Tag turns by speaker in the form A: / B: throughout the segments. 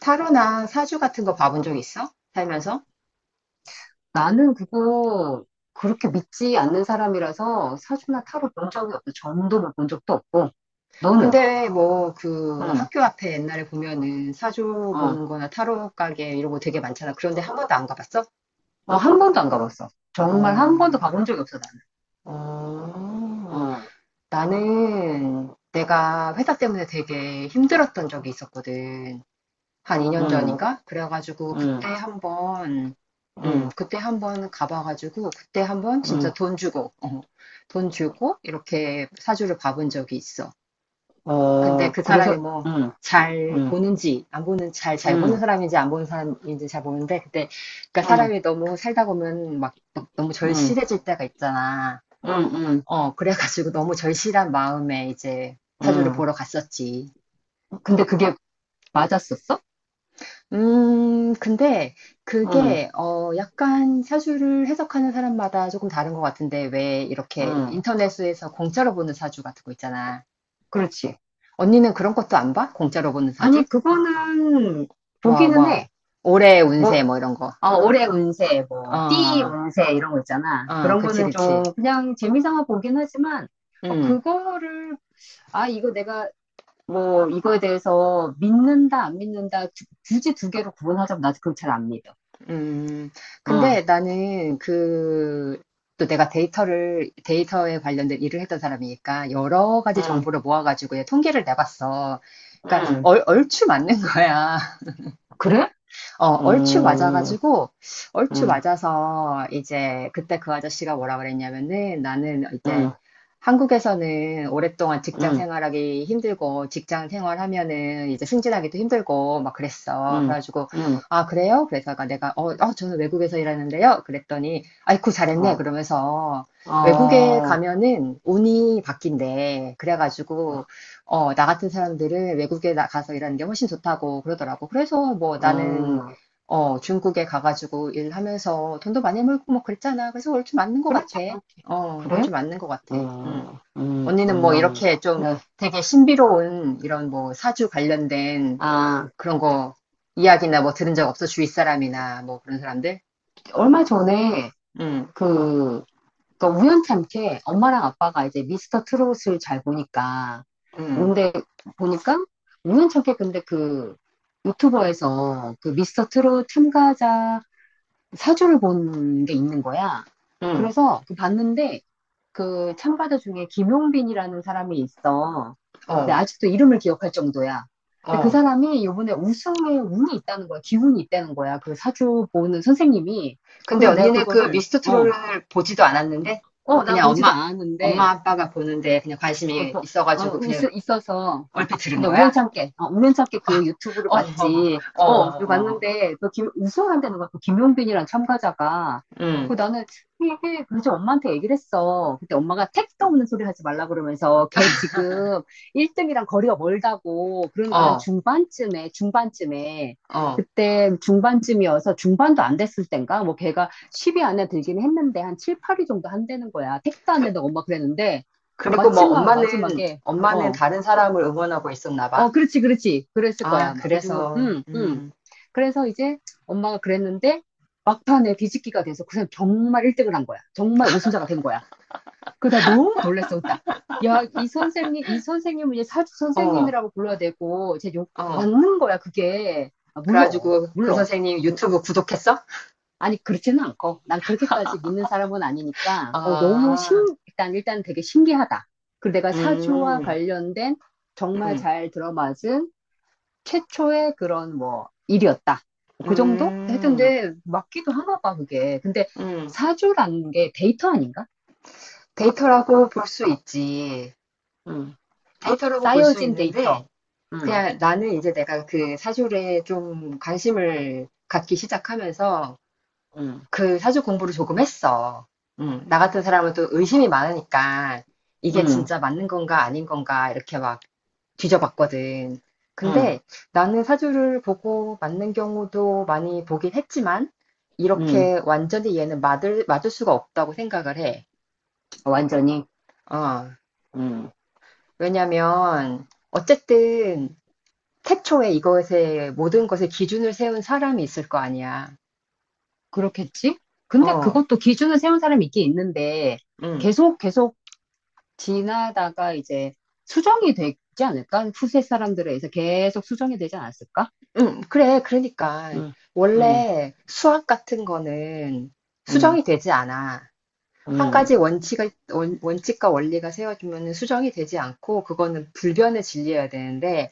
A: 타로나 사주 같은 거 봐본 적 있어? 살면서?
B: 나는 그거 그렇게 믿지 않는 사람이라서 사주나 타로 본 적이 없어. 점도 본 적도 없고 너는?
A: 근데 뭐 그
B: 응,
A: 학교 앞에 옛날에 보면은 사주
B: 어,
A: 보는 거나 타로 가게 이런 거 되게 많잖아. 그런데 한 번도 안 가봤어?
B: 어, 한 번도 안 가봤어. 정말 한 번도
A: 어,
B: 가본 적이 없어 나는.
A: 어,
B: 어,
A: 나는 내가 회사 때문에 되게 힘들었던 적이 있었거든. 한 2년
B: 응,
A: 전인가? 그래가지고 그때
B: 응,
A: 한 번,
B: 응,
A: 그때 한번 가봐가지고 그때 한번
B: 응,
A: 진짜 돈 주고, 돈 주고 이렇게 사주를 봐본 적이 있어. 근데
B: 어,
A: 그
B: 그래서
A: 사람이 뭐
B: 응,
A: 잘
B: 응,
A: 보는지 안 보는 잘 잘 보는
B: 응,
A: 사람인지 안 보는 사람인지 잘 보는데, 근데 그러니까
B: 응,
A: 사람이 너무 살다 보면 막 너무
B: 응,
A: 절실해질 때가 있잖아.
B: 응, 응,
A: 어 그래가지고 너무 절실한 마음에 이제 사주를
B: 응.
A: 보러 갔었지.
B: 근데 그게 맞았었어?
A: 근데
B: 응,
A: 그게 어 약간 사주를 해석하는 사람마다 조금 다른 것 같은데, 왜 이렇게
B: 응,
A: 인터넷에서 공짜로 보는 사주 같은 거 있잖아.
B: 그렇지.
A: 언니는 그런 것도 안 봐? 공짜로 보는 사주?
B: 아니 그거는
A: 뭐
B: 보기는
A: 뭐
B: 해.
A: 올해
B: 뭐
A: 운세 뭐 이런 거.
B: 어, 올해 운세, 뭐, 띠
A: 아,
B: 운세, 이런 거 있잖아.
A: 아,
B: 그런
A: 그치,
B: 거는
A: 그치.
B: 좀 그냥 재미삼아 보긴 하지만, 어,
A: 음,
B: 그거를, 아, 이거 내가 뭐, 이거에 대해서 믿는다, 안 믿는다, 굳이 두 개로 구분하자면 나도 그걸 잘 안 믿어.
A: 음.
B: 응,
A: 근데 나는 그, 또 내가 데이터에 관련된 일을 했던 사람이니까 여러 가지
B: 응,
A: 정보를 모아가지고 얘 통계를 내봤어. 그러니까
B: 응.
A: 얼추 맞는 거야.
B: 그래?
A: 어, 얼추
B: 응,
A: 맞아가지고, 얼추
B: 응,
A: 맞아서 이제 그때 그 아저씨가 뭐라 그랬냐면은, 나는 이제
B: 응,
A: 한국에서는 오랫동안 직장
B: 응,
A: 생활하기 힘들고, 직장 생활하면은 이제 승진하기도 힘들고, 막 그랬어.
B: 응,
A: 그래가지고,
B: 응,
A: 아, 그래요? 그래서 아까 내가, 저는 외국에서 일하는데요? 그랬더니, 아이쿠, 잘했네.
B: 어,
A: 그러면서, 외국에
B: 어,
A: 가면은 운이 바뀐대. 그래가지고, 어, 나 같은 사람들은 외국에 나가서 일하는 게 훨씬 좋다고 그러더라고. 그래서 뭐 나는,
B: 음,
A: 어, 중국에 가가지고 일하면서 돈도 많이 벌고 뭐 그랬잖아. 그래서 얼추 맞는 것
B: 그렇지,
A: 같아.
B: 그렇지.
A: 어, 그거
B: 그래?
A: 좀 맞는 것 같아. 응.
B: 음, 음,
A: 언니는 뭐
B: 음.
A: 이렇게 좀
B: 네.
A: 되게 신비로운 이런 뭐 사주 관련된
B: 아,
A: 그런 거 이야기나 뭐 들은 적 없어? 주위 사람이나 뭐 그런 사람들?
B: 얼마 전에
A: 응,
B: 그, 그러니까 우연찮게 엄마랑 아빠가 이제 미스터 트롯을 잘 보니까,
A: 응,
B: 근데 보니까 우연찮게 근데 그 유튜버에서 그 미스터 트롯 참가자 사주를 본 게 있는 거야.
A: 응,
B: 그래서 그 봤는데 그 참가자 중에 김용빈이라는 사람이 있어. 근데
A: 어,
B: 아직도 이름을 기억할 정도야. 근데 그
A: 어.
B: 사람이 이번에 우승에 운이 있다는 거야. 기운이 있다는 거야. 그 사주 보는 선생님이.
A: 근데
B: 그래서 내가
A: 언니는 그
B: 그거를,
A: 미스터
B: 어,
A: 트롯을 보지도 않았는데
B: 어, 나
A: 그냥
B: 보지도 않았는데,
A: 엄마 아빠가 보는데 그냥
B: 어,
A: 관심이
B: 보- 어,
A: 있어가지고
B: 있,
A: 그냥
B: 있어서
A: 얼핏 들은
B: 근데
A: 거야?
B: 우연찮게, 어, 우연찮게 그 유튜브를
A: 어, 어,
B: 봤지.
A: 어,
B: 어, 이거
A: 어, 어.
B: 봤는데, 그 김, 우승한다는 거야. 그 김용빈이란 참가자가. 그
A: 응,
B: 나는 이게 그래서 엄마한테 얘기를 했어. 그때 엄마가 택도 없는 소리 하지 말라 그러면서 걔 지금 1등이랑 거리가 멀다고 그러니까 한
A: 어,
B: 중반쯤에
A: 어.
B: 그때 중반쯤이어서 중반도 안 됐을 땐가 뭐 걔가 10위 안에 들긴 했는데 한 7, 8위 정도 한다는 거야. 택도 안 된다고 엄마 그랬는데
A: 그리고 뭐
B: 마침
A: 엄마는
B: 마지막에
A: 엄마는
B: 어
A: 다른 사람을 응원하고 있었나
B: 어,
A: 봐.
B: 그렇지, 그렇지. 그랬을 거야,
A: 아,
B: 아마. 그래가지고,
A: 그래서
B: 응 응 그래서 이제 엄마가 그랬는데, 막판에 뒤집기가 돼서 그 사람 정말 1등을 한 거야. 정말 우승자가 된 거야. 그러다 너무 놀랬어, 딱. 야, 이 선생님, 이 선생님은 이제 사주
A: 어.
B: 선생님이라고 불러야 되고, 이제 욕,
A: 어.
B: 맞는 거야, 그게. 아, 물론,
A: 그래가지고 그
B: 물론.
A: 선생님
B: 음,
A: 유튜브 구독했어?
B: 아니, 그렇지는 않고. 난 그렇게까지 믿는 사람은 아니니까, 어, 너무 신,
A: 아.
B: 일단 되게 신기하다. 그리고 내가 사주와
A: 음.
B: 관련된 정말
A: 음.
B: 잘 들어맞은 최초의 그런 뭐 일이었다. 그 정도? 하여튼
A: 음.
B: 근데 맞기도 하나 봐, 그게. 근데
A: 음.
B: 사주라는 게 데이터 아닌가?
A: 데이터라고 볼 수 있지.
B: 음.
A: 데이터라고 볼 수
B: 쌓여진 데이터.
A: 있는데
B: 음.
A: 그냥 나는 이제 내가 그 사주에 좀 관심을 갖기 시작하면서
B: 음.
A: 그 사주 공부를 조금 했어. 나 같은 사람은 또 의심이 많으니까 이게
B: 음.
A: 진짜 맞는 건가 아닌 건가 이렇게 막 뒤져봤거든.
B: 음.
A: 근데 나는 사주를 보고 맞는 경우도 많이 보긴 했지만,
B: 음.
A: 이렇게 완전히 얘는 맞을 수가 없다고 생각을 해.
B: 완전히.
A: 어,
B: 음.
A: 왜냐면 어쨌든 태초에 이것에 모든 것에 기준을 세운 사람이 있을 거 아니야.
B: 그렇겠지? 근데
A: 어,
B: 그것도 기준을 세운 사람이 있긴 있는데
A: 음.
B: 계속 계속 지나다가 이제 수정이 되지 않을까? 후세 사람들에 의해서 계속 수정이 되지 않았을까?
A: 응 그래, 그러니까.
B: 음. 음.
A: 원래 수학 같은 거는
B: 음.
A: 수정이 되지 않아. 한
B: 음.
A: 가지 원칙과 원리가 세워지면 수정이 되지 않고, 그거는 불변의 진리여야 되는데,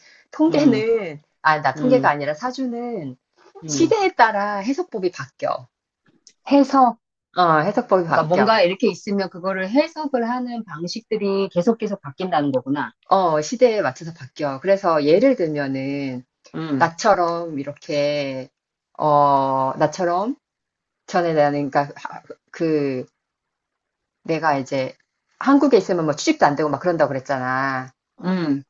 B: 음.
A: 통계는, 아, 나 통계가
B: 음.
A: 아니라 사주는
B: 음.
A: 시대에 따라 해석법이 바뀌어.
B: 해석,
A: 어, 해석법이
B: 그러니까
A: 바뀌어.
B: 뭔가 이렇게 있으면 그거를 해석을 하는 방식들이 계속 계속 바뀐다는 거구나.
A: 어, 시대에 맞춰서 바뀌어. 그래서 예를 들면은,
B: 음,
A: 나처럼 이렇게, 나처럼 전에 나는, 그러니까 하- 그, 내가 이제 한국에 있으면 뭐 취직도 안 되고 막 그런다고 그랬잖아.
B: 음,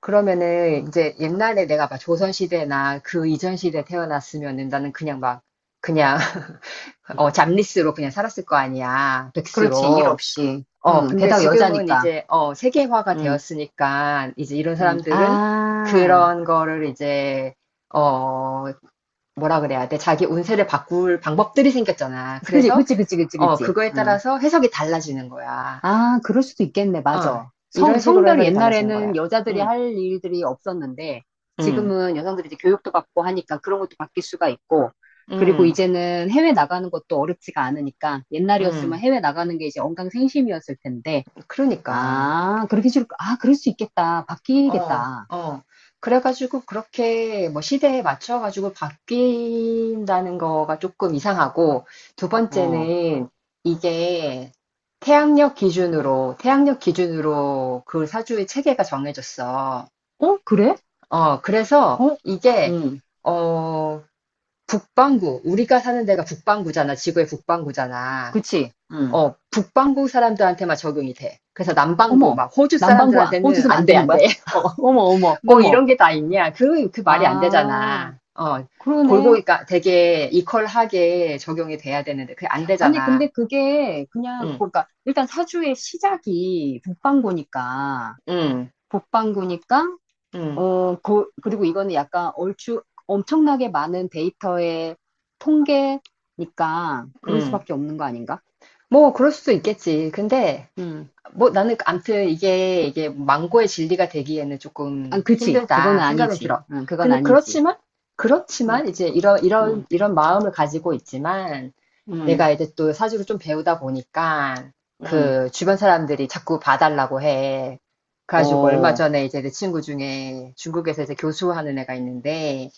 A: 그러면은 이제 옛날에 내가 막 조선시대나 그 이전 시대에 태어났으면은 나는 그냥 막 그냥 어 잡리스로 그냥 살았을 거 아니야.
B: 그렇지, 일
A: 백수로.
B: 없이.
A: 어 근데
B: 게다가
A: 지금은
B: 여자니까.
A: 이제 어 세계화가
B: 음,
A: 되었으니까 이제 이런 사람들은
B: 아,
A: 그런 거를 이제 어 뭐라 그래야 돼? 자기 운세를 바꿀 방법들이 생겼잖아.
B: 그치,
A: 그래서
B: 그치, 그치, 그치,
A: 어
B: 그치.
A: 그거에
B: 음.
A: 따라서 해석이 달라지는 거야.
B: 아, 그럴 수도 있겠네,
A: 아,
B: 맞아. 성,
A: 이런 식으로
B: 성별이
A: 해석이 달라지는
B: 옛날에는
A: 거야.
B: 여자들이
A: 응,
B: 할 일들이 없었는데,
A: 응,
B: 지금은 여성들이 이제 교육도 받고 하니까 그런 것도 바뀔 수가 있고, 그리고
A: 응,
B: 이제는 해외 나가는 것도 어렵지가 않으니까, 옛날이었으면
A: 응.
B: 해외 나가는 게 이제 언강생심이었을 텐데,
A: 그러니까,
B: 아, 그렇게 줄, 아, 그럴 수 있겠다.
A: 어,
B: 바뀌겠다.
A: 어. 그래가지고 그렇게 뭐 시대에 맞춰가지고 바뀐다는 거가 조금 이상하고, 두
B: 어,
A: 번째는 이게 태양력 기준으로 그 사주의 체계가 정해졌어.
B: 어, 그래?
A: 어, 그래서
B: 어,
A: 이게,
B: 응,
A: 어, 북반구, 우리가 사는 데가 북반구잖아. 지구의 북반구잖아.
B: 그치, 응.
A: 어, 북반구 사람들한테만 적용이 돼. 그래서 남반구,
B: 어머,
A: 막 호주
B: 남방구
A: 사람들한테는
B: 꽂으면 안 되는
A: 안 돼.
B: 거야?
A: 어,
B: 어머, 어머,
A: 뭐
B: 어머.
A: 이런 게 다 있냐. 그 말이 안
B: 아,
A: 되잖아. 어,
B: 그러네.
A: 골고루, 까 되게 이퀄하게 적용이 돼야 되는데, 그게 안
B: 아니, 근데
A: 되잖아.
B: 그게 그냥,
A: 응,
B: 그러니까, 일단 사주의 시작이 북방구니까,
A: 응,
B: 북방구니까,
A: 응,
B: 어, 그, 그리고 이거는 약간 얼추 엄청나게 많은 데이터의 통계니까, 그럴
A: 응.
B: 수밖에 없는 거 아닌가?
A: 뭐, 그럴 수도 있겠지. 근데,
B: 음.
A: 뭐 나는 암튼 이게 망고의 진리가 되기에는
B: 아,
A: 조금
B: 그치. 그거는
A: 힘들다 생각이
B: 아니지.
A: 들어.
B: 응, 그건 아니지.
A: 그렇지만,
B: 응,
A: 그렇지만, 이제
B: 응,
A: 이런 마음을 가지고 있지만,
B: 응,
A: 내가 이제 또 사주를 좀 배우다 보니까
B: 응,
A: 그 주변 사람들이 자꾸 봐달라고 해. 그래가지고 얼마
B: 어,
A: 전에 이제 내 친구 중에 중국에서 이제 교수하는 애가 있는데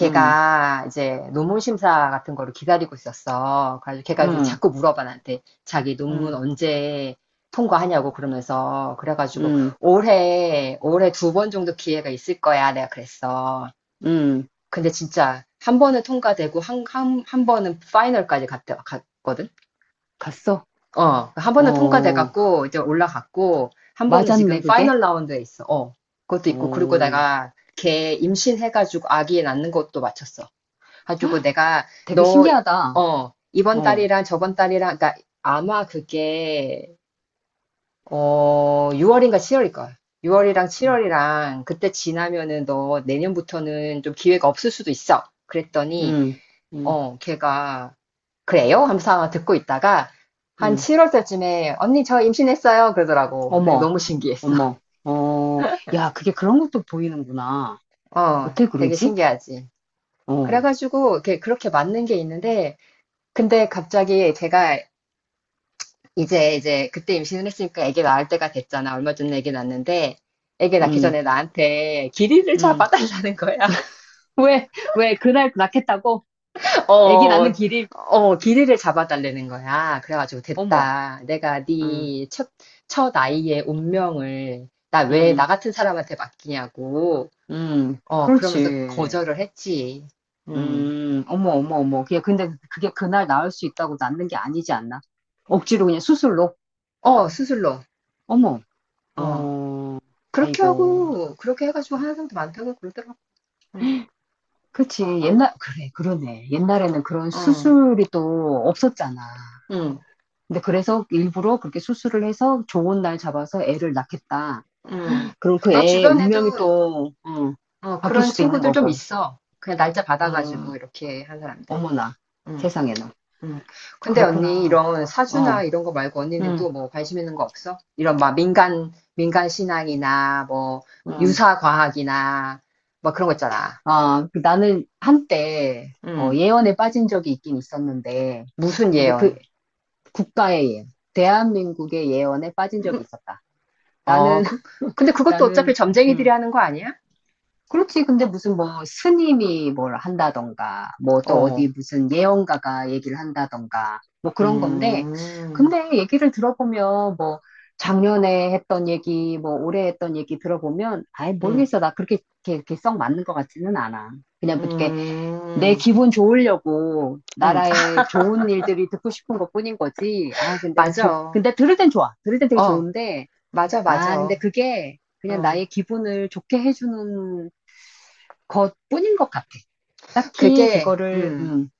B: 응,
A: 이제 논문 심사 같은 거를 기다리고 있었어. 그래가지고 걔가 이제
B: 응,
A: 자꾸 물어봐, 나한테 자기 논문
B: 응,
A: 언제 통과하냐고. 그러면서 그래가지고
B: 응,
A: 올해 두 번 정도 기회가 있을 거야, 내가 그랬어.
B: 응.
A: 근데 진짜 한 번은 통과되고, 한 번은 파이널까지 갔거든.
B: 갔어?
A: 어, 한 번은
B: 어,
A: 통과돼갖고 이제 올라갔고, 한 번은
B: 맞았네,
A: 지금
B: 그게?
A: 파이널 라운드에 있어. 어, 그것도 있고 그리고
B: 어,
A: 내가 걔 임신해가지고 아기 낳는 것도 마쳤어. 가지고 내가
B: 되게
A: 너
B: 신기하다.
A: 어, 이번
B: 어,
A: 달이랑 저번 달이랑 그러니까 아마 그게 어 6월인가 7월일 거야. 6월이랑
B: 응,
A: 7월이랑 그때 지나면은 너 내년부터는 좀 기회가 없을 수도 있어. 그랬더니
B: 응, 응.
A: 어 걔가 그래요? 하면서 아마 듣고 있다가 한
B: 응.
A: 7월 때쯤에, 언니 저 임신했어요, 그러더라고. 네,
B: 어머,
A: 너무 신기했어.
B: 어머. 어, 야, 그게 그런 것도 보이는구나.
A: 어,
B: 어떻게
A: 되게
B: 그러지?
A: 신기하지.
B: 어,
A: 그래가지고 이렇게 그렇게 맞는 게 있는데 근데 갑자기 제가 이제 그때 임신을 했으니까 아기 낳을 때가 됐잖아. 얼마 전에 아기 낳았는데 아기 낳기
B: 응,
A: 전에 나한테 길이를
B: 응.
A: 잡아달라는 거야.
B: 왜, 왜, 그날 낳겠다고? 애기
A: 어,
B: 낳는 길이?
A: 어, 길이를 잡아달라는 거야. 그래가지고
B: 어머,
A: 됐다. 내가
B: 응,
A: 첫 아이의 운명을 나 왜
B: 응.
A: 나 같은 사람한테 맡기냐고. 어, 그러면서
B: 그렇지.
A: 거절을 했지. 음.
B: 어머, 어머, 어머. 그게, 근데 그게 그날 나을 수 있다고 낫는 게 아니지 않나? 억지로 그냥 수술로?
A: 어, 수술로.
B: 어머,
A: 어.
B: 어,
A: 그렇게
B: 아이고.
A: 하고, 그렇게 해가지고 하는 사람도 많다고 그러더라고. 음.
B: 그치. 옛날, 그래, 그러네. 옛날에는 그런
A: 어,
B: 수술이 또 없었잖아.
A: 음,
B: 근데 그래서 일부러 그렇게 수술을 해서 좋은 날 잡아서 애를 낳겠다.
A: 음.
B: 그럼 그
A: 내
B: 애의
A: 주변에도
B: 운명이 또, 어,
A: 어,
B: 바뀔
A: 그런
B: 수도 있는
A: 친구들 좀
B: 거고.
A: 있어. 그냥 날짜
B: 어,
A: 받아가지고 이렇게 한 사람들.
B: 어머나.
A: 음.
B: 세상에나.
A: 음. 근데 언니
B: 그렇구나.
A: 이런
B: 어,
A: 사주나 이런 거 말고 언니는
B: 응
A: 또 뭐 관심 있는 거 없어? 이런 막 민간 신앙이나 뭐
B: 응
A: 유사 과학이나 막 그런 거 있잖아.
B: 아, 그 나는 한때 어,
A: 음.
B: 예언에 빠진 적이 있긴 있었는데,
A: 무슨
B: 근데 그
A: 예언?
B: 국가의 예언, 대한민국의 예언에 빠진 적이
A: 음,
B: 있었다.
A: 어,
B: 나는,
A: 그, 근데 그것도
B: 나는,
A: 어차피 점쟁이들이
B: 음,
A: 하는 거 아니야?
B: 그렇지. 근데 무슨 뭐 스님이 뭘 한다던가, 뭐 또
A: 어.
B: 어디 무슨 예언가가 얘기를 한다던가, 뭐 그런 건데,
A: 음.
B: 근데 얘기를 들어보면 뭐 작년에 했던 얘기, 뭐 올해 했던 얘기 들어보면, 아예
A: 음.
B: 모르겠어. 나 그렇게, 이렇게, 이렇게 썩 맞는 것 같지는 않아. 그냥 뭐 이렇게 내
A: 음.
B: 기분 좋으려고 나
A: 음.
B: 라
A: 아,
B: 의 좋은 일들이 듣고 싶은 것뿐인 거지. 아, 근데 좋,
A: 맞아.
B: 근데 들을 땐 좋아. 들을 땐 되게
A: 어.
B: 좋은데,
A: 맞아,
B: 아, 근데
A: 맞아.
B: 그게 그냥
A: 어.
B: 나의 기분을 좋게 해주는 것뿐인 것 같아. 딱히
A: 그게
B: 그거를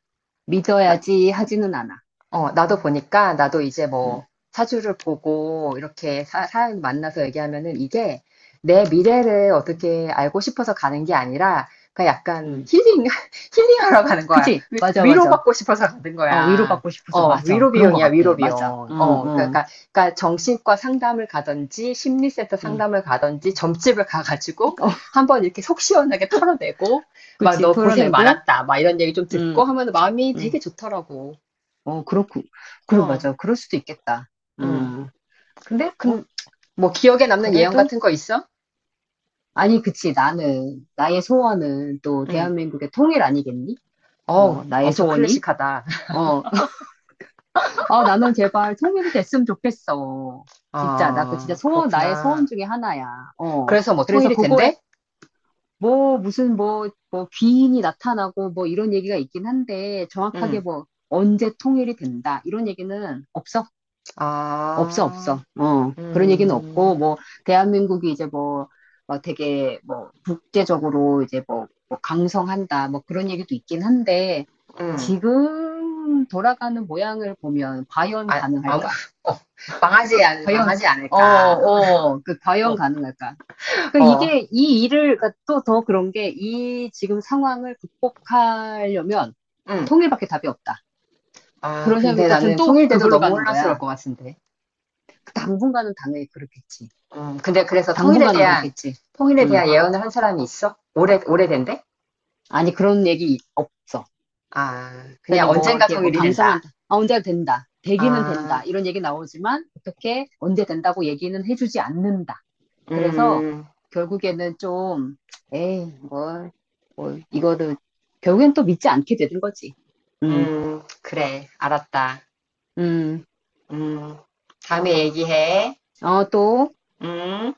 B: 믿어야지 하지는 않아.
A: 어, 나도 보니까 나도 이제
B: 음,
A: 뭐 사주를 보고 이렇게 사람 만나서 얘기하면은 이게 내 미래를 어떻게 알고 싶어서 가는 게 아니라 그냥 약간
B: 음.
A: 힐링, 힐링하러 가는 거야.
B: 그치? 맞아, 맞아.
A: 위로받고 싶어서 가는
B: 어,
A: 거야.
B: 위로받고 싶어서
A: 어,
B: 맞아.
A: 위로
B: 그런 것
A: 비용이야,
B: 같아.
A: 위로
B: 맞아. 어,
A: 비용. 어,
B: 어,
A: 그러니까, 그러니까 정신과 상담을 가든지 심리센터
B: 음.
A: 상담을 가든지 점집을 가가지고
B: 어,
A: 한번 이렇게 속 시원하게 털어내고 막
B: 그치.
A: 너 고생
B: 토해내고,
A: 많았다 막 이런 얘기 좀
B: 음,
A: 듣고 하면 마음이
B: 음.
A: 되게 좋더라고.
B: 어, 그렇고, 그래,
A: 어.
B: 맞아. 그럴 수도 있겠다.
A: 응,
B: 음. 근데 뭐
A: 근, 뭐 기억에 남는 예언
B: 그래도?
A: 같은 거 있어?
B: 아니, 그치. 나는, 나의 소원은 또
A: 응.
B: 대한민국의 통일 아니겠니?
A: 어우,
B: 어, 나의
A: 엄청
B: 소원이?
A: 클래식하다.
B: 어, 아, 나는 제발 통일이 됐으면 좋겠어. 진짜, 나 그 진짜
A: 아,
B: 소원, 나의 소원
A: 그렇구나.
B: 중에 하나야. 어.
A: 그래서 뭐
B: 그래서
A: 통일이
B: 그거에
A: 된대?
B: 뭐, 무슨 뭐, 뭐, 귀인이 나타나고 뭐 이런 얘기가 있긴 한데 정확하게
A: 응,
B: 뭐, 언제 통일이 된다. 이런 얘기는 없어. 없어, 없어.
A: 아,
B: 어, 그런 얘기는
A: 음,
B: 없고, 뭐, 대한민국이 이제 뭐, 막 되게 뭐, 국제적으로 이제 뭐, 뭐 강성한다, 뭐 그런 얘기도 있긴 한데,
A: 응.
B: 지금 돌아가는 모양을 보면 과연
A: 아, 아무,
B: 가능할까?
A: 어,
B: 과연,
A: 망하지
B: 어,
A: 않을까.
B: 어, 그 과연
A: 어,
B: 가능할까? 그러니까
A: 어,
B: 이게, 이 일을, 그러니까 또더 그런 게, 이 지금 상황을 극복하려면
A: 응,
B: 통일밖에 답이 없다.
A: 아,
B: 그런 생각이
A: 근데
B: 또 든
A: 나는
B: 또
A: 통일돼도
B: 그걸로
A: 너무
B: 가는
A: 혼란스러울
B: 거야.
A: 것 같은데.
B: 그 당분간은 당연히 그렇겠지.
A: 근데 그래서
B: 당분간은 그렇겠지.
A: 통일에
B: 음.
A: 대한 예언을 한 사람이 있어? 오래된대?
B: 아니, 그런 얘기 없어.
A: 아, 그냥
B: 그러니까 뭐,
A: 언젠가
B: 이렇게 뭐,
A: 통일이 된다.
B: 강성한다. 아, 언제가 된다. 되기는
A: 아,
B: 된다. 이런 얘기 나오지만, 어떻게, 언제 된다고 얘기는 해주지 않는다. 그래서,
A: 음,
B: 결국에는 좀, 에이, 뭐, 뭐, 이거를, 결국엔 또 믿지 않게 되는 거지. 음,
A: 그래, 알았다.
B: 음.
A: 음, 다음에 얘기해.
B: 어, 또,
A: 음.